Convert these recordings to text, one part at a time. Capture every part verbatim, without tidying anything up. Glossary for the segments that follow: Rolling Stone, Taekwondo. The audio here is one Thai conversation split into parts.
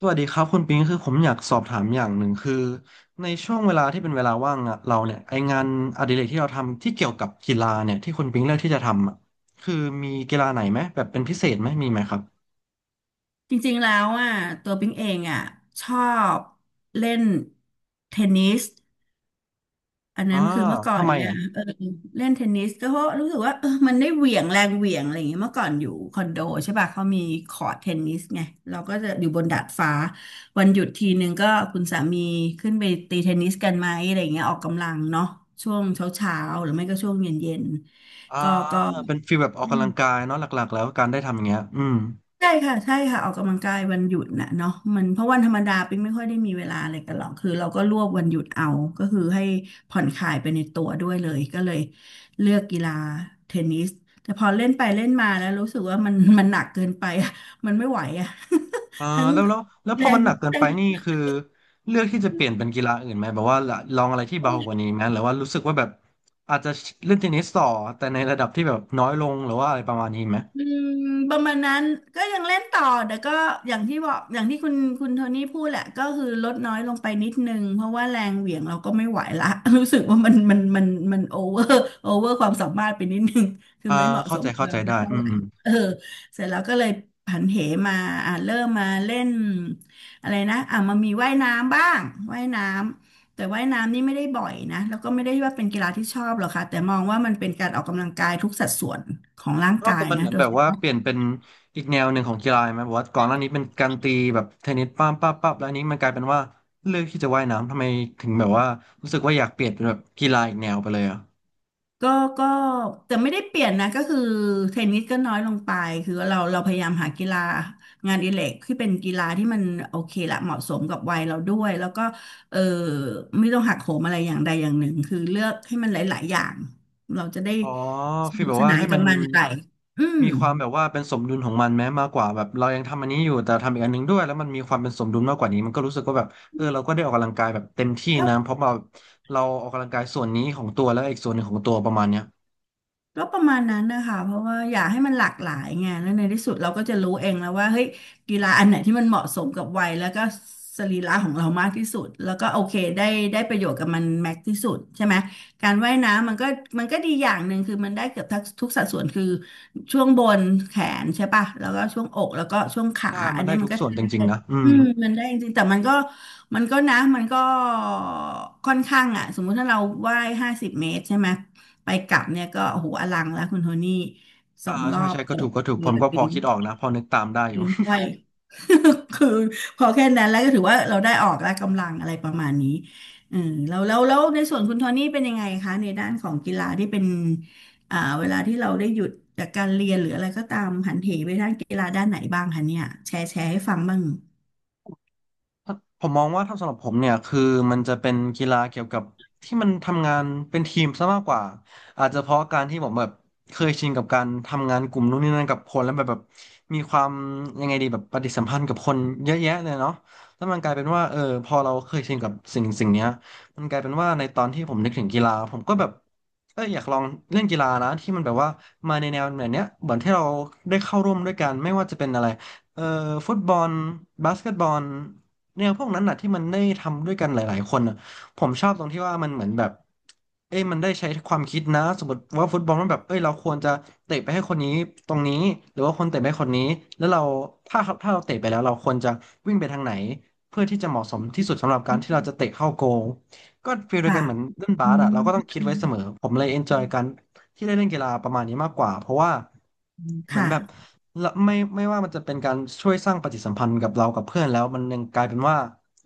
สวัสดีครับคุณปิงคือผมอยากสอบถามอย่างหนึ่งคือในช่วงเวลาที่เป็นเวลาว่างอะเราเนี่ยไองานอดิเรกที่เราทำที่เกี่ยวกับกีฬาเนี่ยที่คุณปิงเลือกที่จะทำอะคือมีกีฬาไหนไหมแบบเป็นพิเศษไหมมีไหมครับจริงๆ แล้วอ่ะตัวปิ๊งเองอ่ะชอบเล่นเทนนิสอันอ่านั้นคือเมื่อก่อนทำไมเนี่ยอ่ะเออเล่นเทนนิสก็เพราะรู้สึกว่าเออมันได้เหวี่ยงแรงเหวี่ยงอะไรอย่างเงี้ยเมื่อก่อนอยู่คอนโดใช่ป่ะเขามีคอร์ตเทนนิสไงเราก็จะอยู่บนดาดฟ้าวันหยุดทีนึงก็คุณสามีขึ้นไปตีเทนนิสกันไหมอะไรอย่างเงี้ยออกกำลังเนาะช่วงเช้าๆหรือไม่ก็ช่วงเย็นอ่าๆก็ก็ เป็นฟีลแบบออกกำลังกายเนาะหลักๆแล้วการได้ทำอย่างเงี้ยอืมใช่ค่ะใช่ค่ะออกกำลังกายวันหยุดน่ะเนาะมันเพราะวันธรรมดาปิ๊งไม่ค่อยได้มีเวลาอะไรกันหรอกคือเราก็รวบวันหยุดเอาก็คือให้ผ่อนคลายไปในตัวด้วยเลยก็เลยเลือกกีฬาเทนนิสแต่พอเล่นไปเล่นมาแล้วรู้สึกว่ามันมันหนักเกินไปอะมันไม่ไหวอะ อ่า ทั้งแล้วแล้วแล้วพแรอมันงหนักเกินแรไปง นี่คือเลือกที่จะเปลี่ยนเป็นกีฬาอื่นไหมแบบว่าลลองอะไรที่เบากว่านี้ไหมหรือว่ารู้สึกว่าแบบอาจจะเล่นเทนนิสต่อแต่ในระดับที่แบบน้อยลงหรือว่าอะไรประมาณนี้ไหม อืมประมาณนั้นก็ยังเล่นต่อแต่ก็อย่างที่บอกอย่างที่คุณคุณโทนี่พูดแหละก็คือลดน้อยลงไปนิดนึงเพราะว่าแรงเหวี่ยงเราก็ไม่ไหวละ รู้สึกว่ามันมันมันมันโอเวอร์โอเวอร์ ความสามารถไปนิดนึงคืออ่าไม่เหมาะเข้าสมใจกับเข้าเราใจสัได้กเท่าอืไหมร่อืมเออเสร็จแล้วก็เลยผันเหมาอ่าเริ่มมาเล่นอะไรนะอ่ามามีว่ายน้ำบ้างว่ายน้ำ แต่ว่ายน้ำนี่ไม่ได้บ่อยนะแล้วก็ไม่ได้ว่าเป็นกีฬาที่ชอบหรอกค่ะแต่มองว่ามันเป็นการออกกำลังกายทุกสัดส่วนของร่างนอกกาจายกมันนะเหมือโดนยแบเฉบว่าพาะเปลี่ยนเป็นอีกแนวหนึ่งของกีฬาไหมแบบว่าก่อนหน้านี้เป็นการตีแบบเทนนิสป้ามป้าปั๊บแล้วอันนี้มันกลายเป็นว่าเลือกที่จะว่ายน้ำทำไมถึงแบบว่ารู้สึกว่าอยากเปลี่ยนเป็นแบบกีฬาอีกแนวไปเลยอ่ะก็ก็แต่ไม่ได้เปลี่ยนนะก็คือเทนนิสก็น้อยลงไปคือเราเราพยายามหากีฬางานอดิเรกที่เป็นกีฬาที่มันโอเคละเหมาะสมกับวัยเราด้วยแล้วก็เออไม่ต้องหักโหมอะไรอย่างใดอย่างหนึ่งคือเลือกให้มันหลายๆอย่างเราจะได้อ๋อสฟีลนุแบกบสว่านานให้มักันบมันไปอืม มีความแบบว่าเป็นสมดุลของมันแม้มากกว่าแบบเรายังทำอันนี้อยู่แต่ทำอีกอันหนึงด้วยแล้วมันมีความเป็นสมดุลมากกว่านี้มันก็รู้สึกว่าแบบเออเราก็ได้ออกกำลังกายแบบเต็มที่นะเพราะเราเราออกกำลังกายส่วนนี้ของตัวแล้วอีกส่วนหนึ่งของตัวประมาณเนี้ย ก็ประมาณนั้นนะคะเพราะว่าอยากให้มันหลากหลายไงแล้วในที่สุดเราก็จะรู้เองแล้วว่าเฮ้ยกีฬาอันไหนที่มันเหมาะสมกับวัยแล้วก็สรีระของเรามากที่สุดแล้วก็โอเคได้ได้ประโยชน์กับมันแม็กที่สุดใช่ไหมการว่ายน้ำมันก็มันก็ดีอย่างหนึ่งคือมันได้เกือบทั้งทุกสัดส่วนคือช่วงบนแขนใช่ป่ะแล้วก็ช่วงอกแล้วก็ช่วงขาได้อัมันนเนี้ได้ยมัทุนกก็ส่วใช้นจริงได้ๆนะ อือืมมมันได้จริงๆแต่มันก็มันก็นะมันก็ค่อนข้างอ่ะสมมุติถ้าเราว่ายห้าสิบเมตรใช่ไหม ไปกลับเนี่ยก็โอ้โหอลังแล้วคุณโทนี่สออ่างรอใช่บใช่ก็จถูกก็ถูกผเกิมดก็พอลิ้นคิดออกนะพอนึกตามได้อยู่ ลิ้นห้อย คือพอแค่นั้นแล้วก็ถือว่าเราได้ออกแล้วกำลังอะไรประมาณนี้เออแล้วแล้วแล้วในส่วนคุณโทนี่เป็นยังไงคะในด้านของกีฬาที่เป็นอ่าเวลาที่เราได้หยุดจากการเรียนหรืออะไรก็ตามหันเหไปด้านกีฬาด้านไหนบ้างคะเนี่ยแชร์แชร์ให้ฟังบ้างผมมองว่าถ้าสำหรับผมเนี่ยคือมันจะเป็นกีฬาเกี่ยวกับที่มันทำงานเป็นทีมซะมากกว่าอาจจะเพราะการที่ผมแบบเคยชินกับการทำงานกลุ่มนู่นนี่นั่นกับคนแล้วแบบแบบมีความยังไงดีแบบปฏิสัมพันธ์กับคนเยอะแยะเลยเนาะแล้วมันกลายเป็นว่าเออพอเราเคยชินกับสิ่งสิ่งเนี้ยมันกลายเป็นว่าในตอนที่ผมนึกถึงกีฬาผมก็แบบเอออยากลองเล่นกีฬานะที่มันแบบว่ามาในแนวแบบเนี้ยเหมือนที่เราได้เข้าร่วมด้วยกันไม่ว่าจะเป็นอะไรเอ่อฟุตบอลบาสเกตบอล แนวพวกนั้นน่ะที่มันได้ทำด้วยกันหลายๆคนน่ะผมชอบตรงที่ว่ามันเหมือนแบบเอ้ยมันได้ใช้ความคิดนะสมมติว่าฟุตบอลมันแบบเอ้ยเราควรจะเตะไปให้คนนี้ตรงนี้หรือว่าคนเตะไปให้คนนี้แล้วเราถ้าถ้าเราเตะไปแล้วเราควรจะวิ่งไปทางไหนเพื่อที่จะเหมาะสมที่สุดสำหรับการที่เราจะเตะเข้าโกลก็ฟีลเดียวค่ะกันเหมือนเล่นอืบาสอ่ะมเราก็ต้องคิดไว้เสมอผมเลยเอนจอยกันที่ได้เล่นกีฬาประมาณนี้มากกว่าเพราะว่าเหมือนแบบ ค่ะแล้วไม่ไม่ว่ามันจะเป็นการช่วยสร้างปฏิสัมพันธ์กับเรากับเพื่อนแล้วมันยังกลายเป็นว่า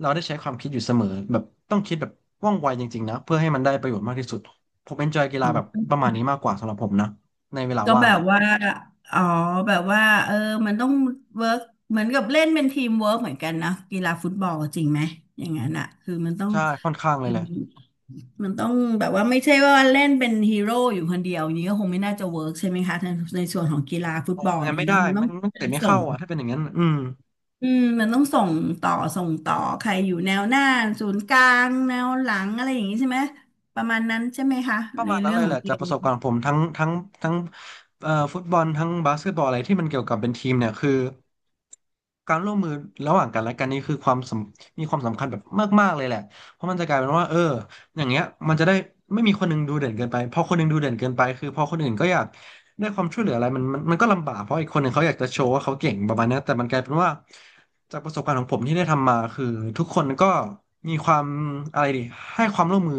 เราได้ใช้ความคิดอยู่เสมอแบบต้องคิดแบบว่องไวจริงๆนะเพื่อให้มันได้ประโยชน์มากที่สุดผมเอนจอยกีอ๋ฬาแบบอ ประมาณนี้มากกว่าสำหรับผมนะในเวลาก็ว่าแบงบอ่ะว่าอ๋อแบบว่าเออมันต้องเวิร์กเหมือนกับเล่นเป็นทีมเวิร์กเหมือนกันนะกีฬาฟุตบอลจริงไหมอย่างนั้นอ่ะคือมันต้องใช่ค่อนข้างเลยแหละมันต้องแบบว่าไม่ใช่ว่าเล่นเป็นฮีโร่อยู่คนเดียวอย่างนี้ก็คงไม่น่าจะเวิร์กใช่ไหมคะในในส่วนของกีฬาฟุอตอกบอลงานเนี่ยไม่ได้เนาะมันต้อมังนมันเตะไม่ส่เข้างอ่ะถ้าเป็นอย่างนั้นอืม อืมมันต้องส่งต่อส่งต่อใครอยู่แนวหน้าศูนย์กลางแนวหลังอะไรอย่างนี้ใช่ไหมประมาณนั้นใช่ไหมคะประในมาณนั้เรื่นอเลงยขอแหงละเกจากปมระสบการณ์ของผมทั้งทั้งทั้งเอ่อฟุตบอลทั้งบาสเกตบอลอะไรที่มันเกี่ยวกับเป็นทีมเนี่ยคือการร่วมมือระหว่างกันและกันนี่คือความสำมีความสำคัญแบบมากๆเลยแหละเพราะมันจะกลายเป็นว่าเอออย่างเงี้ยมันจะได้ไม่มีคนหนึงดูเด่นเกินไปพอคนหนึงดูเด่นเกินไปคือพอคนอื่นก็อยากได้ความช่วยเหลืออะไรมันมันมันก็ลำบากเพราะอีกคนหนึ่งเขาอยากจะโชว์ว่าเขาเก่งประมาณเนี้ยแต่มันกลายเป็นว่าจากประสบการณ์ของผมที่ได้ทำมาคือทุกคนก็มีความอะไรดีให้ความร่วมมือ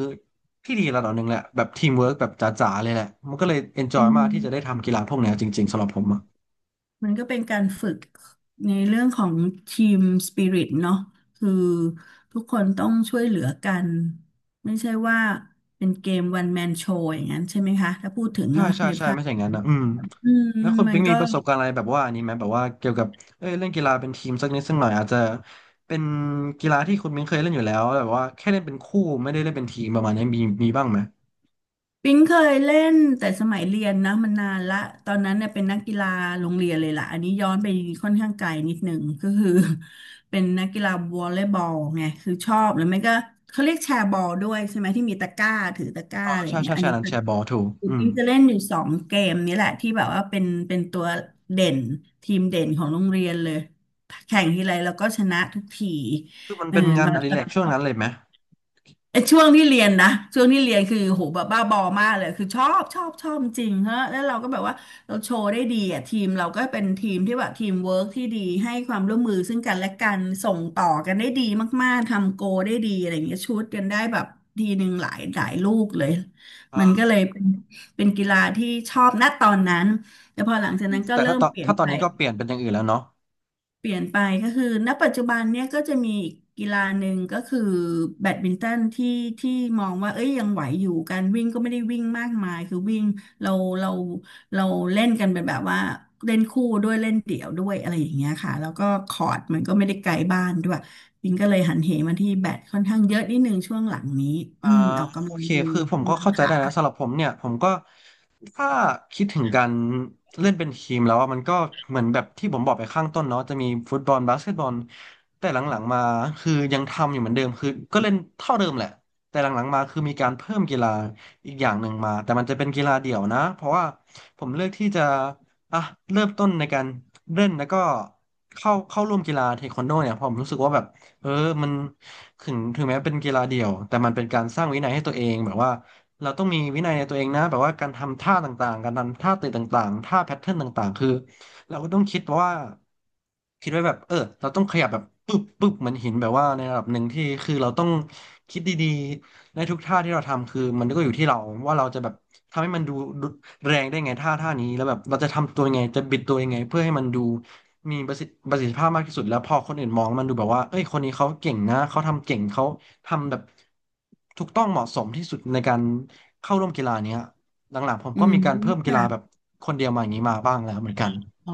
ที่ดีระดับหนึ่งแหละแบบทีมเวิร์กแบบจ๋าๆเลยแหละมันก็เลยเอนจออืยมากที่จะได้ม ทำกีฬาพวกเนี้ยจริงๆสำหรับผมอะมันก็เป็นการฝึกในเรื่องของทีมสปิริตเนาะคือทุกคนต้องช่วยเหลือกันไม่ใช่ว่าเป็นเกมวันแมนโชว์อย่างนั้นใช่ไหมคะถ้าพูดถึงใช่เนาะใช่ในใช่ภาพไม่ใช่อย่างนั้นนะอืมอืมแล้วคุณมันปิ๊งมีก็ ประสบการณ์อะไรแบบว่าอันนี้ไหมแบบว่าเกี่ยวกับเอ้ยเล่นกีฬาเป็นทีมสักนิดสักหน่อยอาจจะเป็นกีฬาที่คุณปิ๊งเคยเล่นอยู่แล้วแบบว่าแค่เล่นเป็นคู่ไม่ได้เล่นเป็นทีมประมาณนี้มีมีบ้างไหมปิ๊งเคยเล่นแต่สมัยเรียนนะมันนานละตอนนั้นเนี่ยเป็นนักกีฬาโรงเรียนเลยล่ะอันนี้ย้อนไปค่อนข้างไกลนิดหนึ่งก็คือ เป็นนักกีฬาวอลเลย์บอลไงคือชอบแล้วไม่ก็เขาเรียกแชร์บอลด้วยใช่ไหมที่มีตะกร้าถือตะกร้าอ๋ออะไรอใช่ย่างเงี้ใช่ยอันใช่นี้นั้นเป็แชนร์บอลถูกอืมปิ๊งจะเล่นอยู่สองเกมนี้แหละที่แบบว่าเป็นเป็นตัวเด่นทีมเด่นของโรงเรียนเลยแข่งทีไรเราก็ชนะทุกทีคือมันเออ เป็นงานอดิเรกช่วงนั้นเลยไหมไอ้ช่วงที่เรียนนะช่วงที่เรียนคือโหแบบบ้าบอมากเลยคือชอบชอบชอบจริงฮะแล้วเราก็แบบว่าเราโชว์ได้ดีอ่ะทีมเราก็เป็นทีมที่แบบทีมเวิร์กที่ดีให้ความร่วมมือซึ่งกันและกันส่งต่อกันได้ดีมากๆทำโกลได้ดีอะไรอย่างเงี้ยชุดกันได้แบบทีหนึ่งหลายหลายลูกเลยอ่มันก็าเลยเป็นเป็นกีฬาที่ชอบณตอนนั้นแต่พอหลังจากนั้นก็แต่เริ่ถ้ามตอนเปลี่ยนถ้าตอไป นนี้ก็เปลี่ยนเป็นอย่างอื่นแล้วเนาะ เปลี่ยนไปก็คือณปัจจุบันเนี่ยก็จะมีอีกกีฬาหนึ่งก็คือแบดมินตันที่ที่มองว่าเอ้ยยังไหวอยู่การวิ่งก็ไม่ได้วิ่งมากมายคือวิ่งเราเราเราเล่นกันเป็นแบบว่าเล่นคู่ด้วยเล่นเดี่ยวด้วยอะไรอย่างเงี้ยค่ะแล้วก็คอร์ตมันก็ไม่ได้ไกลบ้านด้วยปิงก็เลยหันเหมาที่แบดค่อนข้างเยอะนิดนึงช่วงหลังนี้อือ่ามออกโอกำลังเคดึงคือผมก็กำลังเข้าใจขาได้นะสำหรับผมเนี่ยผมก็ถ้าคิดถึงการเล่นเป็นทีมแล้วอะมันก็เหมือนแบบที่ผมบอกไปข้างต้นเนาะจะมีฟุตบอลบาสเกตบอลแต่หลังๆมาคือยังทำอยู่เหมือนเดิมคือก็เล่นเท่าเดิมแหละแต่หลังๆมาคือมีการเพิ่มกีฬาอีกอย่างหนึ่งมาแต่มันจะเป็นกีฬาเดี่ยวนะเพราะว่าผมเลือกที่จะอ่ะเริ่มต้นในการเล่นแล้วก็เข้าเข้าร่วมกีฬาเทควันโดเนี่ยเพราะผมรู้สึกว่าแบบ เออมันถึงถึงแม้เป็นกีฬาเดี่ยวแต่มันเป็นการสร้างวินัยให้ตัวเองแบบว่าเราต้องมีวินัยในตัวเองนะแบบว่าการทำท่าต่างๆ การทำท่าเตะต่างๆท่าแพทเทิร์นต่างๆคือเราก็ต้องคิดว่าคิดไว้แบบเออเราต้องขยับแบบปึ๊บปึ๊บเหมือนหินแบบว่าในระดับหนึ่งที่คือเราต้องคิดดีๆในทุกท่าที่เราทำคือมันก็อยู่ที่เราว่าเราจะแบบทำให้มันดูดูแรงได้ไงท่าท่านี้แล้วแบบเราจะทำตัวยังไงจะบิดตัวยังไงเพื่อให้มันดู มีประสิทธิประสิทธิภาพมากที่สุดแล้วพอคนอื่นมองมันดูแบบว่าเอ้ยคนนี้เขาเก่งนะ เขาทำเก่งเขาทำแบบถูกต้องเหมาะสมที่สุดในการเข้าร่วมกีฬาเนี้ยหลังๆผมอืก็มมีการเพิ่มกีค่ะ ฬาแบบคนเดียวมาอย่างนี้มาบ้างแล้วเหมือนกัน อ๋อ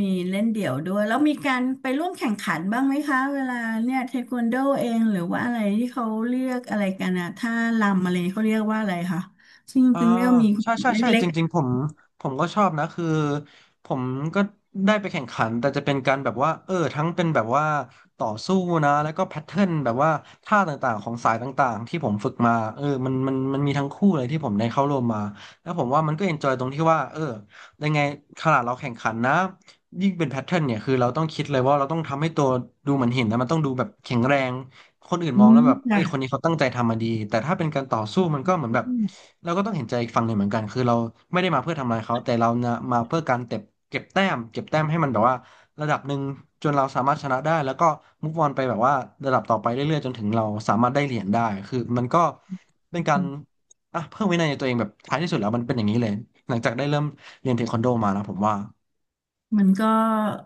มีเล่นเดี่ยวด้วยแล้วมีการไปร่วมแข่งขันบ้างไหมคะ เวลาเนี่ยเทควันโดเองหรือว่าอะไรที่เขาเรียกอะไรกันอะท่ารำอะไรเขาเรียกว่าอะไรคะซึ่งอ่าเพิ่งเรียกว่ามีใช่ใช่ใช่เล็จกริงๆผมผมก็ชอบนะคือผมก็ได้ไปแข่งขันแต่จะเป็นการแบบว่าเออทั้งเป็นแบบว่าต่อสู้นะแล้วก็แพทเทิร์นแบบว่าท่าต่างๆของสายต่างๆที่ผมฝึกมาเออมันมันมันมีทั้งคู่เลยที่ผมได้เข้าร่วมมาแล้วผมว่ามันก็เอนจอยตรงที่ว่าเออยังไงขนาดเราแข่งขันนะยิ่งเป็นแพทเทิร์นเนี่ยคือเราต้องคิดเลยว่าเราต้องทำให้ตัวดูเหมือนหินนะมันต้องดูแบบแข็งแรง คนอื่นๆอืมองแล้วมแบบเอ้ค่ะ ยคนนี้เขาตั้งใจทำมาดีแต่ถ้าเป็นการต่อสู้มันก็เหมือนแบบเราก็ต้องเห็นใจอีกฝั่งหนึ่งเหมือนกัน คือเราไม่ได้มาเพื่อทำลายเขา แต่เรานะมาเพื่อการเก็บเก็บแต้มเก็บแต้มให้มันแบบว่าระดับหนึ่งจนเราสามารถชนะได้แล้วก็มุฟออนไปแบบว่าระดับต่อไปเรื่อยๆจนถึงเราสามารถได้เหรียญได้คือมันก็เป็นการอ่ะเพิ่มวินัยในตัวเองแบบท้ายที่สุดแล้วมันเป็นอย่างนี้เลยหลังจากได้เริ่มเรียนเทควันโดมานะผมว่ามันก็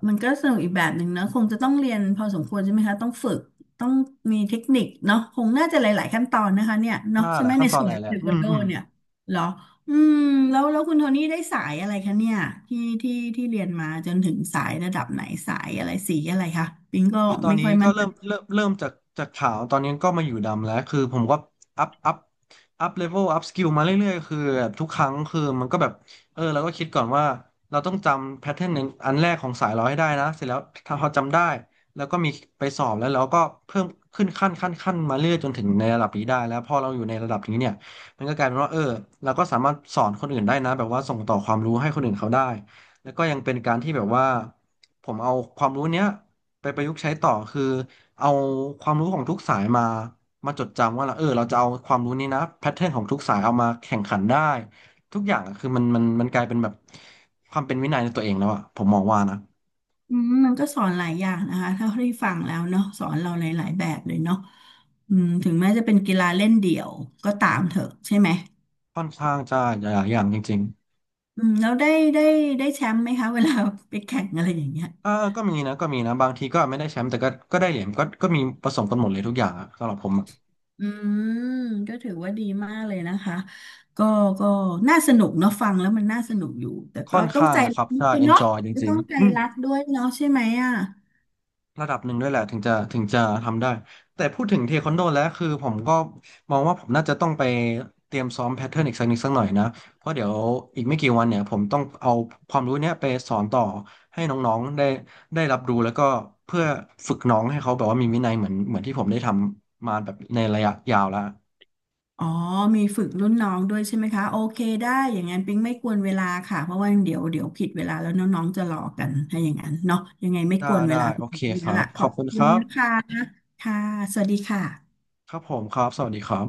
มันก็สนุกอีกแบบหนึ่งนะคงจะต้องเรียนพอสมควรใช่ไหมคะต้องฝึกต้องมีเทคนิคเนาะคงน่าจะหลายๆขั้นตอนนะคะเนี่ยเนาะถ้าใช่หไหลามยในขั้นตอส่นวนหลาขยองแหเทละคอืวันมโดอืม เนี่ยเหรออืมแล้วแล้วคุณโทนี่ได้สายอะไรคะเนี่ยที่ที่ที่เรียนมาจนถึงสายระดับไหนสายอะไรสีอะไรคะปิงก็คือตอนไม่นี้ค่อยก็มั่นเริ่ใจมเริ่มเริ่มจากจากขาวตอนนี้ก็มาอยู่ดำแล้วคือผมก็อัพอัพอัพเลเวลอัพสกิลมาเรื่อยๆคือแบบทุกครั้งคือมันก็แบบเออเราก็คิดก่อนว่าเราต้องจำแพทเทิร์นอันแรกของสายเราให้ได้นะเสร็จแล้วถ้าพอจำได้แล้วก็มีไปสอบแล้วเราก็เพิ่มขึ้นขั้นขั้นขั้นมาเรื่อยจนถึงในระดับนี้ได้แล้วพอเราอยู่ในระดับนี้เนี่ยมันก็กลายเป็นว่าเออเราก็สามารถสอนคนอื่นได้นะแบบว่าส่งต่อความรู้ให้คนอื่นเขาได้แล้วก็ยังเป็นการที่แบบว่าผมเอาความรู้เนี้ย ไปประยุกต์ใช้ต่อคือเอาความรู้ของทุกสายมามาจดจำว่าเราเออเราจะเอาความรู้นี้นะแพทเทิร์นของทุกสายเอามาแข่งขันได้ทุกอย่างอะคือมันมันมันกลายเป็นแบบความเป็นวินัยในตัวเองแล้วอะผมมองว่านะอืมมันก็สอนหลายอย่างนะคะเท่าที่ฟังแล้วเนาะสอนเราหลายๆแบบเลยเนาะอืมถึงแม้จะเป็นกีฬาเล่นเดี่ยวก็ตามเถอะใช่ไหม ค่อนข้างจะหลายอย่างจริงอืมแล้วได้ได้ได้แชมป์ไหมคะเวลาไปแข่งอะไรอย่างเงี้ยๆอ่าก็มีนะก็มีนะบางทีก็ไม่ได้แชมป์แต่ก็ก็ได้เหรียญก็ก็มีผสมกันหมดเลยทุกอย่างอะสำหรับผมอะอืมก็ถือว่าดีมากเลยนะคะก็ก็น่าสนุกเนาะฟังแล้วมันน่าสนุกอยู่แต่ค่ก็อนต้องข้างใจนะครัรักบถ้า ด้วยเนาะ enjoy จกริต้งองใจๆอืม รักด้วยเนาะใช่ไหมอ่ะระดับหนึ่งด้วยแหละถึงจะถึงจะทำได้แต่พูดถึงเทควันโดแล้วคือผมก็มองว่าผมน่าจะต้องไปเตรียมซ้อมแพทเทิร์นอีกสักนิดสักหน่อยนะเพราะเดี๋ยวอีกไม่กี่วันเนี่ยผมต้องเอาความรู้เนี้ยไปสอนต่อให้น้องๆได้ได้รับรู้แล้วก็เพื่อฝึกน้องให้เขาแบบว่ามีวินัยเหมือนเหมือนที่ผมได้ทำมาแบบในระยะยาวแล้วอ๋อมีฝึกรุ่นน้องด้วยใช่ไหมคะโอเคได้อย่างนั้นปิ๊งไม่กวนเวลาค่ะเพราะว่าเดี๋ยวเดี๋ยวผิดเวลาแล้วน้องๆจะรอกันถ้าอย่างนั้นเนาะยังไงไม่ได้กวนเวได้ลาคุโอณเคพี่คแล้รัวบล่ะขขออบบคุณคุคณรันะคะบค่ะสวัสดีค่ะครับผมครับสวัสดีครับ